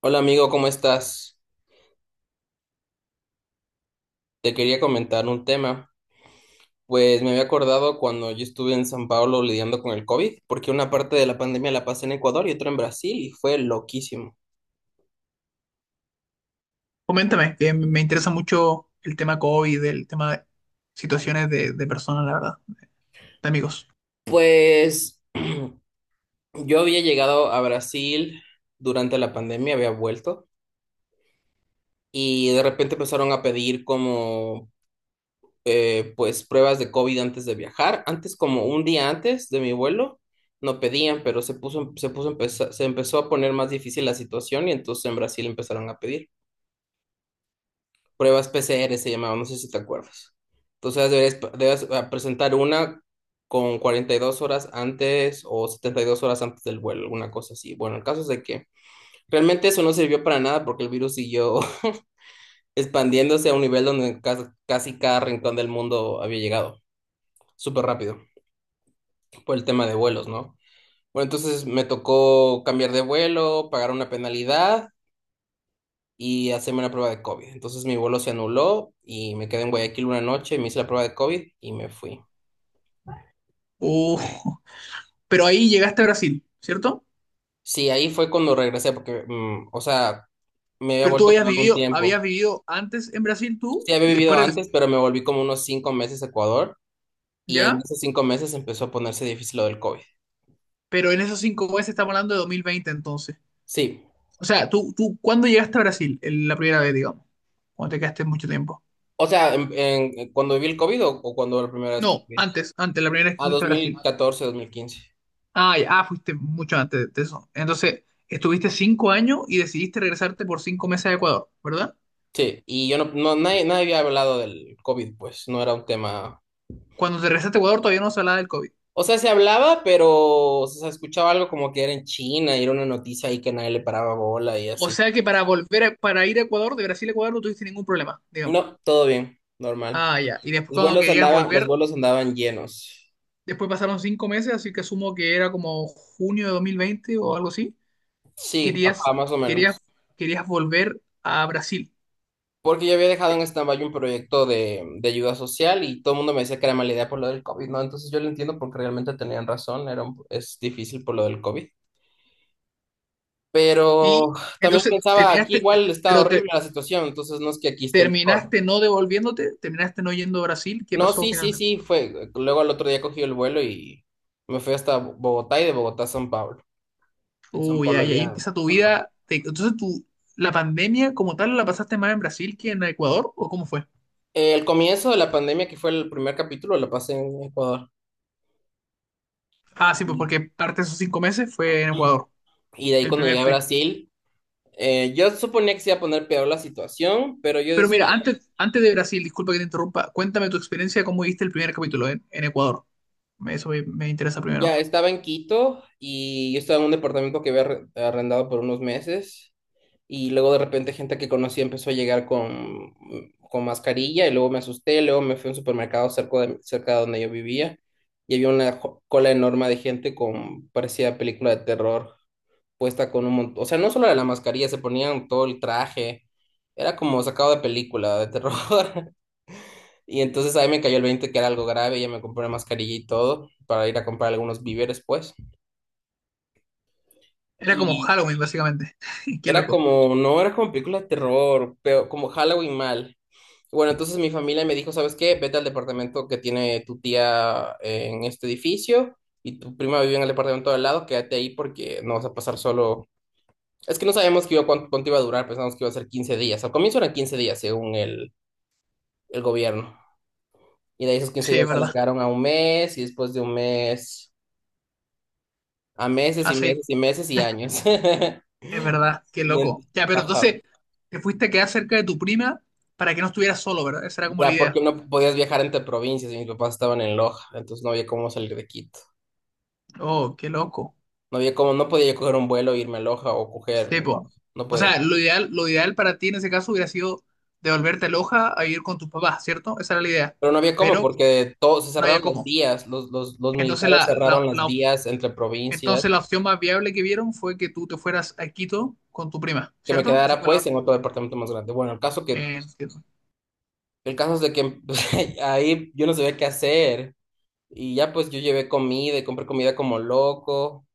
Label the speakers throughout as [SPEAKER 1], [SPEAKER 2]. [SPEAKER 1] Hola amigo, ¿cómo estás? Te quería comentar un tema. Pues me había acordado cuando yo estuve en San Pablo lidiando con el COVID, porque una parte de la pandemia la pasé en Ecuador y otra en Brasil y fue loquísimo.
[SPEAKER 2] Coméntame, que me interesa mucho el tema COVID, el tema de situaciones de personas, la verdad, de amigos.
[SPEAKER 1] Pues yo había llegado a Brasil durante la pandemia, había vuelto y de repente empezaron a pedir como pues pruebas de COVID antes de viajar. Antes, como un día antes de mi vuelo, no pedían, pero se empezó a poner más difícil la situación y entonces en Brasil empezaron a pedir pruebas PCR, se llamaban, no sé si te acuerdas. Entonces debes presentar una con 42 horas antes o 72 horas antes del vuelo, alguna cosa así. Bueno, el caso es de que realmente eso no sirvió para nada porque el virus siguió expandiéndose a un nivel donde casi cada rincón del mundo había llegado, súper rápido por el tema de vuelos, ¿no? Bueno, entonces me tocó cambiar de vuelo, pagar una penalidad y hacerme una prueba de COVID. Entonces mi vuelo se anuló y me quedé en Guayaquil una noche, me hice la prueba de COVID y me fui.
[SPEAKER 2] Uh, pero ahí llegaste a Brasil, ¿cierto?
[SPEAKER 1] Sí, ahí fue cuando regresé porque, o sea, me había
[SPEAKER 2] Pero tú
[SPEAKER 1] vuelto a Ecuador un
[SPEAKER 2] habías
[SPEAKER 1] tiempo.
[SPEAKER 2] vivido antes en Brasil tú
[SPEAKER 1] Sí, había
[SPEAKER 2] y después
[SPEAKER 1] vivido antes,
[SPEAKER 2] regresaste,
[SPEAKER 1] pero me volví como unos 5 meses a Ecuador y en
[SPEAKER 2] ¿ya?
[SPEAKER 1] esos 5 meses empezó a ponerse difícil lo del COVID.
[SPEAKER 2] Pero en esos 5 meses estamos hablando de 2020, entonces.
[SPEAKER 1] Sí,
[SPEAKER 2] O sea, tú, ¿cuándo llegaste a Brasil? La primera vez, digamos. Cuando te quedaste mucho tiempo.
[SPEAKER 1] o sea, cuando viví el COVID o cuando la primera vez que
[SPEAKER 2] No,
[SPEAKER 1] fui.
[SPEAKER 2] antes, antes, la primera vez que
[SPEAKER 1] A
[SPEAKER 2] fuiste a Brasil.
[SPEAKER 1] 2014, 2015.
[SPEAKER 2] Ah, ya, ah, fuiste mucho antes de eso. Entonces, estuviste 5 años y decidiste regresarte por 5 meses a Ecuador, ¿verdad?
[SPEAKER 1] Sí, y yo nadie, nadie había hablado del COVID, pues no era un tema.
[SPEAKER 2] Cuando te regresaste a Ecuador todavía no se hablaba del COVID.
[SPEAKER 1] O sea, se hablaba, pero o sea, se escuchaba algo como que era en China y era una noticia ahí que nadie le paraba bola y
[SPEAKER 2] O
[SPEAKER 1] así.
[SPEAKER 2] sea que para volver, para ir a Ecuador, de Brasil a Ecuador no tuviste ningún problema, digamos.
[SPEAKER 1] No, todo bien, normal.
[SPEAKER 2] Ah, ya. Y después cuando querías
[SPEAKER 1] Los
[SPEAKER 2] volver,
[SPEAKER 1] vuelos andaban llenos.
[SPEAKER 2] después pasaron 5 meses, así que asumo que era como junio de 2020 o algo así.
[SPEAKER 1] Sí,
[SPEAKER 2] Querías,
[SPEAKER 1] ajá, más o menos.
[SPEAKER 2] querías, querías volver a Brasil.
[SPEAKER 1] Porque yo había dejado en stand-by un proyecto de ayuda social y todo el mundo me decía que era mala idea por lo del COVID, ¿no? Entonces yo lo entiendo porque realmente tenían razón, es difícil por lo del COVID.
[SPEAKER 2] Y
[SPEAKER 1] Pero también
[SPEAKER 2] entonces
[SPEAKER 1] pensaba, aquí
[SPEAKER 2] terminaste, te-
[SPEAKER 1] igual está
[SPEAKER 2] pero te,
[SPEAKER 1] horrible la situación, entonces no es que aquí esté mejor.
[SPEAKER 2] terminaste no devolviéndote, terminaste no yendo a Brasil. ¿Qué
[SPEAKER 1] No,
[SPEAKER 2] pasó
[SPEAKER 1] sí, sí,
[SPEAKER 2] finalmente?
[SPEAKER 1] sí, fue. Luego al otro día cogí el vuelo y me fui hasta Bogotá y de Bogotá a San Pablo. Y en San
[SPEAKER 2] Uy,
[SPEAKER 1] Pablo
[SPEAKER 2] ahí
[SPEAKER 1] ya.
[SPEAKER 2] empieza tu
[SPEAKER 1] Ajá.
[SPEAKER 2] vida. Entonces, tú, ¿la pandemia como tal la pasaste más en Brasil que en Ecuador? ¿O cómo fue?
[SPEAKER 1] El comienzo de la pandemia, que fue el primer capítulo, lo pasé en Ecuador.
[SPEAKER 2] Ah, sí, pues
[SPEAKER 1] Y,
[SPEAKER 2] porque parte de esos 5 meses fue en Ecuador,
[SPEAKER 1] y de ahí cuando llegué
[SPEAKER 2] Sí.
[SPEAKER 1] a Brasil, yo suponía que se iba a poner peor la situación, pero yo
[SPEAKER 2] Pero
[SPEAKER 1] decía,
[SPEAKER 2] mira, antes, antes de Brasil, disculpa que te interrumpa, cuéntame tu experiencia, cómo viste el primer capítulo en Ecuador. Eso me interesa
[SPEAKER 1] ya
[SPEAKER 2] primero.
[SPEAKER 1] estaba en Quito y yo estaba en un departamento que había arrendado por unos meses. Y luego de repente gente que conocí empezó a llegar con mascarilla y luego me asusté, luego me fui a un supermercado cerca de donde yo vivía y había una cola enorme de gente con, parecía película de terror, puesta con un montón, o sea, no solo era la mascarilla, se ponían todo el traje, era como sacado de película de terror. Y entonces ahí me cayó el 20 que era algo grave, ya me compré una mascarilla y todo para ir a comprar algunos víveres pues.
[SPEAKER 2] Era como Halloween, básicamente. Qué
[SPEAKER 1] Era
[SPEAKER 2] loco.
[SPEAKER 1] como, no era como película de terror, pero como Halloween mal. Bueno, entonces mi familia me dijo, ¿sabes qué? Vete al departamento que tiene tu tía en este edificio y tu prima vive en el departamento de al lado, quédate ahí porque no vas a pasar solo. Es que no sabíamos que iba, cuánto, cuánto iba a durar, pensamos que iba a ser 15 días. Al comienzo eran 15 días, según el gobierno. Y de ahí esos quince
[SPEAKER 2] Sí, es
[SPEAKER 1] días se
[SPEAKER 2] verdad.
[SPEAKER 1] alargaron a un mes y después de un mes a meses y
[SPEAKER 2] Así.
[SPEAKER 1] meses y meses y años.
[SPEAKER 2] Es verdad, qué
[SPEAKER 1] Y
[SPEAKER 2] loco.
[SPEAKER 1] en-
[SPEAKER 2] Ya, pero
[SPEAKER 1] ajá.
[SPEAKER 2] entonces te fuiste a quedar cerca de tu prima para que no estuvieras solo, ¿verdad? Esa era como la
[SPEAKER 1] Ya, porque
[SPEAKER 2] idea.
[SPEAKER 1] no podías viajar entre provincias y mis papás estaban en Loja, entonces no había cómo salir de Quito.
[SPEAKER 2] Oh, qué loco.
[SPEAKER 1] No había cómo, no podía yo coger un vuelo e irme a Loja o coger,
[SPEAKER 2] Sepo.
[SPEAKER 1] no, no
[SPEAKER 2] O
[SPEAKER 1] podía.
[SPEAKER 2] sea, lo ideal para ti en ese caso hubiera sido devolverte a Loja a ir con tus papás, ¿cierto? Esa era la idea.
[SPEAKER 1] Pero no había cómo
[SPEAKER 2] Pero
[SPEAKER 1] porque todos se
[SPEAKER 2] no había
[SPEAKER 1] cerraron las
[SPEAKER 2] cómo.
[SPEAKER 1] vías, los
[SPEAKER 2] Entonces
[SPEAKER 1] militares
[SPEAKER 2] la, la,
[SPEAKER 1] cerraron las
[SPEAKER 2] la op-
[SPEAKER 1] vías entre provincias,
[SPEAKER 2] entonces la opción más viable que vieron fue que tú te fueras a Quito con tu prima,
[SPEAKER 1] que me
[SPEAKER 2] ¿cierto? Eso
[SPEAKER 1] quedara
[SPEAKER 2] fue
[SPEAKER 1] pues en otro departamento más grande. Bueno,
[SPEAKER 2] entiendo.
[SPEAKER 1] el caso es de que ahí yo no sabía qué hacer y ya pues yo llevé comida y compré comida como loco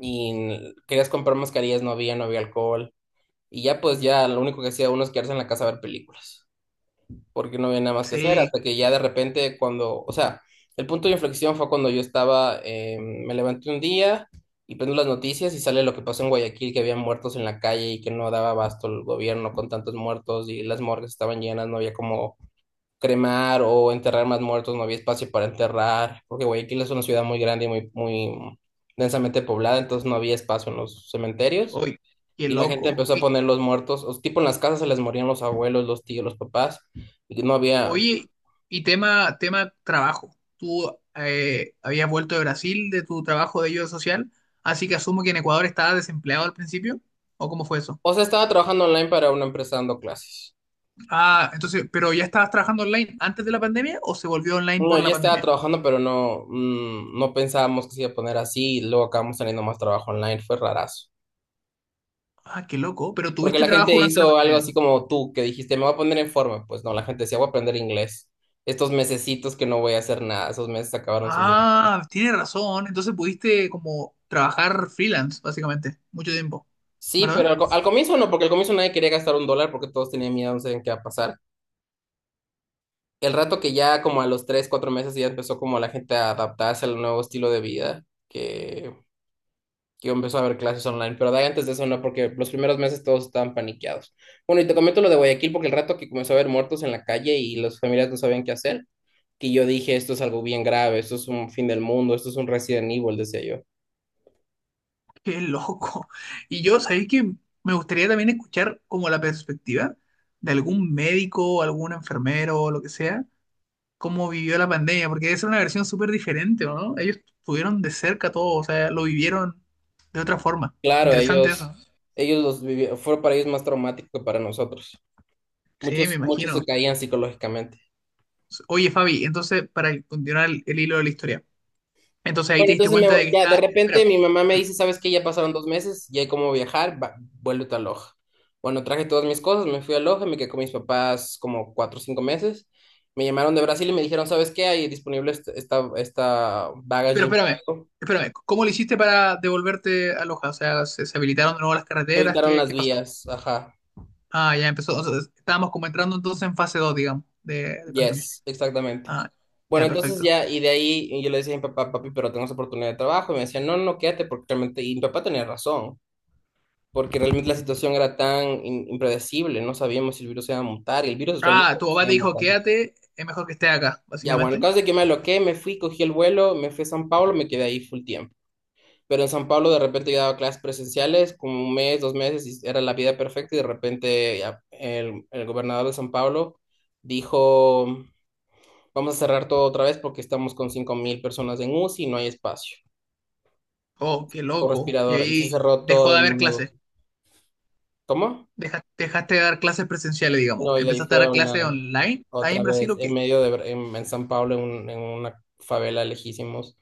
[SPEAKER 1] y querías comprar mascarillas, no había, no había alcohol. Y ya pues ya lo único que hacía uno es quedarse en la casa a ver películas, porque no había nada más que hacer,
[SPEAKER 2] Sí,
[SPEAKER 1] hasta que ya de repente cuando, o sea, el punto de inflexión fue cuando yo estaba, me levanté un día y prendo las noticias y sale lo que pasó en Guayaquil, que había muertos en la calle y que no daba abasto el gobierno con tantos muertos y las morgues estaban llenas, no había como cremar o enterrar más muertos, no había espacio para enterrar, porque Guayaquil es una ciudad muy grande y muy, muy densamente poblada, entonces no había espacio en los cementerios.
[SPEAKER 2] hoy, qué
[SPEAKER 1] Y la gente
[SPEAKER 2] loco.
[SPEAKER 1] empezó a poner los muertos, o tipo en las casas se les morían los abuelos, los tíos, los papás, y no había,
[SPEAKER 2] Oye, y tema, tema trabajo. Tú habías vuelto de Brasil de tu trabajo de ayuda social, así que asumo que en Ecuador estabas desempleado al principio, ¿o cómo fue eso?
[SPEAKER 1] o sea, estaba trabajando online para una empresa dando clases.
[SPEAKER 2] Ah, entonces, ¿pero ya estabas trabajando online antes de la pandemia o se volvió online
[SPEAKER 1] No,
[SPEAKER 2] por la
[SPEAKER 1] ya estaba
[SPEAKER 2] pandemia?
[SPEAKER 1] trabajando, pero no, no pensábamos que se iba a poner así, y luego acabamos teniendo más trabajo online, fue rarazo.
[SPEAKER 2] Ah, qué loco, pero
[SPEAKER 1] Porque
[SPEAKER 2] tuviste
[SPEAKER 1] la
[SPEAKER 2] trabajo
[SPEAKER 1] gente
[SPEAKER 2] durante la
[SPEAKER 1] hizo algo
[SPEAKER 2] pandemia,
[SPEAKER 1] así
[SPEAKER 2] digo.
[SPEAKER 1] como tú, que dijiste, me voy a poner en forma. Pues no, la gente decía, voy a aprender inglés. Estos mesecitos que no voy a hacer nada, esos meses acabaron sin mí.
[SPEAKER 2] Ah, tienes razón, entonces pudiste como trabajar freelance, básicamente, mucho tiempo,
[SPEAKER 1] Sí, pero
[SPEAKER 2] ¿verdad?
[SPEAKER 1] al comienzo no, porque al comienzo nadie quería gastar un dólar porque todos tenían miedo, no sabían qué iba a pasar. El rato que ya como a los 3, 4 meses ya empezó como la gente a adaptarse al nuevo estilo de vida, que empezó a haber clases online, pero de ahí antes de eso no, porque los primeros meses todos estaban paniqueados. Bueno, y te comento lo de Guayaquil, porque el rato que comenzó a haber muertos en la calle y las familias no sabían qué hacer, que yo dije, esto es algo bien grave, esto es un fin del mundo, esto es un Resident Evil, decía yo.
[SPEAKER 2] Qué loco. Y yo, sabéis que me gustaría también escuchar como la perspectiva de algún médico, algún enfermero o lo que sea, cómo vivió la pandemia, porque debe ser una versión súper diferente, ¿o no? Ellos estuvieron de cerca todo, o sea, lo vivieron de otra forma.
[SPEAKER 1] Claro,
[SPEAKER 2] Interesante
[SPEAKER 1] ellos,
[SPEAKER 2] eso.
[SPEAKER 1] fue para ellos más traumático que para nosotros.
[SPEAKER 2] Sí, me
[SPEAKER 1] Muchos, muchos
[SPEAKER 2] imagino.
[SPEAKER 1] se caían psicológicamente.
[SPEAKER 2] Oye, Fabi, entonces, para continuar el hilo de la historia, entonces ahí te
[SPEAKER 1] Bueno,
[SPEAKER 2] diste
[SPEAKER 1] entonces
[SPEAKER 2] cuenta de que
[SPEAKER 1] ya de
[SPEAKER 2] está.
[SPEAKER 1] repente
[SPEAKER 2] Espera,
[SPEAKER 1] mi mamá me
[SPEAKER 2] escúchame.
[SPEAKER 1] dice, ¿sabes qué? Ya pasaron 2 meses, ya hay cómo viajar, va, vuélvete a Loja. Bueno, traje todas mis cosas, me fui a Loja, me quedé con mis papás como 4 o 5 meses. Me llamaron de Brasil y me dijeron, ¿sabes qué? Hay disponible esta,
[SPEAKER 2] Pero
[SPEAKER 1] baggage.
[SPEAKER 2] espérame. ¿Cómo lo hiciste para devolverte a Loja? O sea, ¿se habilitaron de nuevo las carreteras?
[SPEAKER 1] Evitaron
[SPEAKER 2] ¿Qué,
[SPEAKER 1] las
[SPEAKER 2] qué pasó?
[SPEAKER 1] vías, ajá.
[SPEAKER 2] Ah, ya empezó, o sea, estábamos como entrando entonces en fase 2, digamos, de pandemia.
[SPEAKER 1] Yes, exactamente.
[SPEAKER 2] Ah,
[SPEAKER 1] Bueno,
[SPEAKER 2] ya,
[SPEAKER 1] entonces
[SPEAKER 2] perfecto.
[SPEAKER 1] ya, y de ahí y yo le decía a mi papá, papi, pero tenemos oportunidad de trabajo. Y me decía, no, no, quédate, porque realmente, y mi papá tenía razón, porque realmente la situación era tan impredecible, no sabíamos si el virus se iba a montar, y el virus
[SPEAKER 2] Ah,
[SPEAKER 1] realmente
[SPEAKER 2] tu
[SPEAKER 1] se
[SPEAKER 2] papá
[SPEAKER 1] iba
[SPEAKER 2] te dijo,
[SPEAKER 1] montando.
[SPEAKER 2] quédate, es mejor que estés acá,
[SPEAKER 1] Ya, bueno, el
[SPEAKER 2] básicamente.
[SPEAKER 1] caso es que me aloqué, me fui, cogí el vuelo, me fui a San Pablo, me quedé ahí full tiempo. Pero en San Pablo de repente yo daba clases presenciales, como un mes, 2 meses, y era la vida perfecta, y de repente ya, el gobernador de San Pablo dijo, vamos a cerrar todo otra vez porque estamos con 5000 personas en UCI y no hay espacio,
[SPEAKER 2] Oh, qué
[SPEAKER 1] con
[SPEAKER 2] loco. Y
[SPEAKER 1] respiradora, y se
[SPEAKER 2] ahí
[SPEAKER 1] cerró todo
[SPEAKER 2] dejó
[SPEAKER 1] de
[SPEAKER 2] de haber
[SPEAKER 1] nuevo.
[SPEAKER 2] clases.
[SPEAKER 1] ¿Cómo?
[SPEAKER 2] Dejaste, de dar clases presenciales, digamos.
[SPEAKER 1] No, y de ahí
[SPEAKER 2] Empezaste a
[SPEAKER 1] fue
[SPEAKER 2] dar clases
[SPEAKER 1] online,
[SPEAKER 2] online ahí
[SPEAKER 1] otra
[SPEAKER 2] en Brasil
[SPEAKER 1] vez,
[SPEAKER 2] o
[SPEAKER 1] en
[SPEAKER 2] qué.
[SPEAKER 1] medio de, en San Pablo, en una favela lejísimos.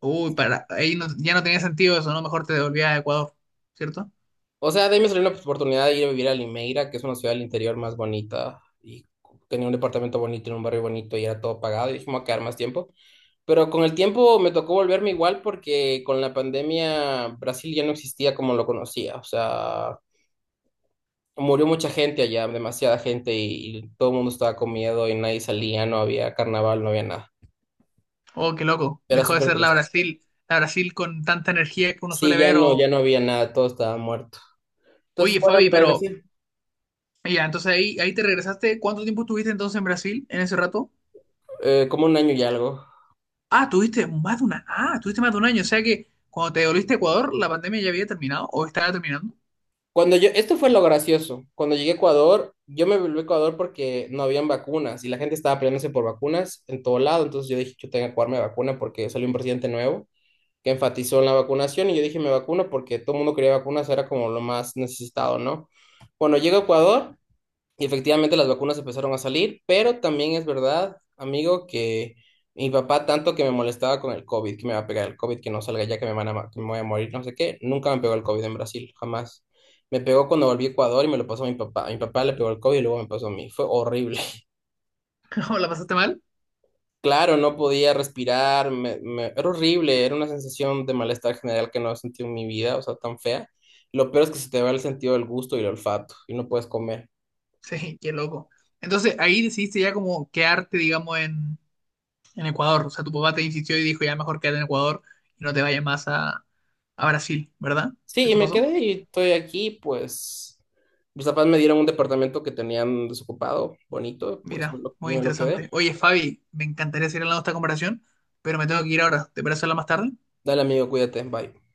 [SPEAKER 2] Uy, para, ahí no- ya no tenía sentido eso, ¿no? Mejor te devolvías a Ecuador, ¿cierto?
[SPEAKER 1] O sea, de ahí me salió la oportunidad de ir a vivir a Limeira, que es una ciudad del interior más bonita, y tenía un departamento bonito en un barrio bonito y era todo pagado, y dije, me voy a quedar más tiempo. Pero con el tiempo me tocó volverme igual porque con la pandemia Brasil ya no existía como lo conocía, o sea, murió mucha gente allá, demasiada gente, y todo el mundo estaba con miedo y nadie salía, no había carnaval, no había nada.
[SPEAKER 2] Oh, qué loco.
[SPEAKER 1] Era
[SPEAKER 2] Dejó de
[SPEAKER 1] súper
[SPEAKER 2] ser
[SPEAKER 1] triste.
[SPEAKER 2] La Brasil con tanta energía que uno suele
[SPEAKER 1] Sí, ya
[SPEAKER 2] ver.
[SPEAKER 1] no, ya no había nada, todo estaba muerto. Entonces,
[SPEAKER 2] Oye,
[SPEAKER 1] bueno,
[SPEAKER 2] Fabi,
[SPEAKER 1] me regresé,
[SPEAKER 2] y ya, entonces ahí te regresaste. ¿Cuánto tiempo estuviste entonces en Brasil en ese rato?
[SPEAKER 1] como un año y algo.
[SPEAKER 2] Ah, tuviste más de un año. O sea que cuando te devolviste a Ecuador, la pandemia ya había terminado o estaba terminando.
[SPEAKER 1] Cuando yo, esto fue lo gracioso. Cuando llegué a Ecuador, yo me volví a Ecuador porque no habían vacunas y la gente estaba peleándose por vacunas en todo lado. Entonces yo dije, yo tengo que jugarme vacuna porque salió un presidente nuevo que enfatizó en la vacunación y yo dije, me vacuno porque todo el mundo quería vacunas, era como lo más necesitado, ¿no? Bueno, llego a Ecuador. Y efectivamente las vacunas empezaron a salir, pero también es verdad, amigo, que mi papá tanto que me molestaba con el COVID, que me va a pegar el COVID, que no salga ya, que me van a, que me voy a morir, no sé qué, nunca me pegó el COVID en Brasil, jamás. Me pegó cuando volví a Ecuador y me lo pasó a mi papá. A mi papá le pegó el COVID y luego me pasó a mí. Fue horrible.
[SPEAKER 2] ¿O la pasaste mal?
[SPEAKER 1] Claro, no podía respirar, era horrible, era una sensación de malestar general que no he sentido en mi vida, o sea, tan fea. Lo peor es que se te va el sentido del gusto y el olfato y no puedes comer.
[SPEAKER 2] Sí, qué loco. Entonces ahí decidiste ya como quedarte, digamos, en Ecuador. O sea, tu papá te insistió y dijo, ya mejor quédate en Ecuador y no te vayas más a, Brasil, ¿verdad?
[SPEAKER 1] Sí, y
[SPEAKER 2] ¿Eso
[SPEAKER 1] me
[SPEAKER 2] pasó?
[SPEAKER 1] quedé y estoy aquí, pues mis papás me dieron un departamento que tenían desocupado, bonito, pues
[SPEAKER 2] Mira,
[SPEAKER 1] y
[SPEAKER 2] muy
[SPEAKER 1] me lo quedé.
[SPEAKER 2] interesante. Oye, Fabi, me encantaría seguir hablando de esta comparación, pero me tengo que ir ahora. ¿Te parece hablar más tarde?
[SPEAKER 1] Dale, amigo, cuídate, bye.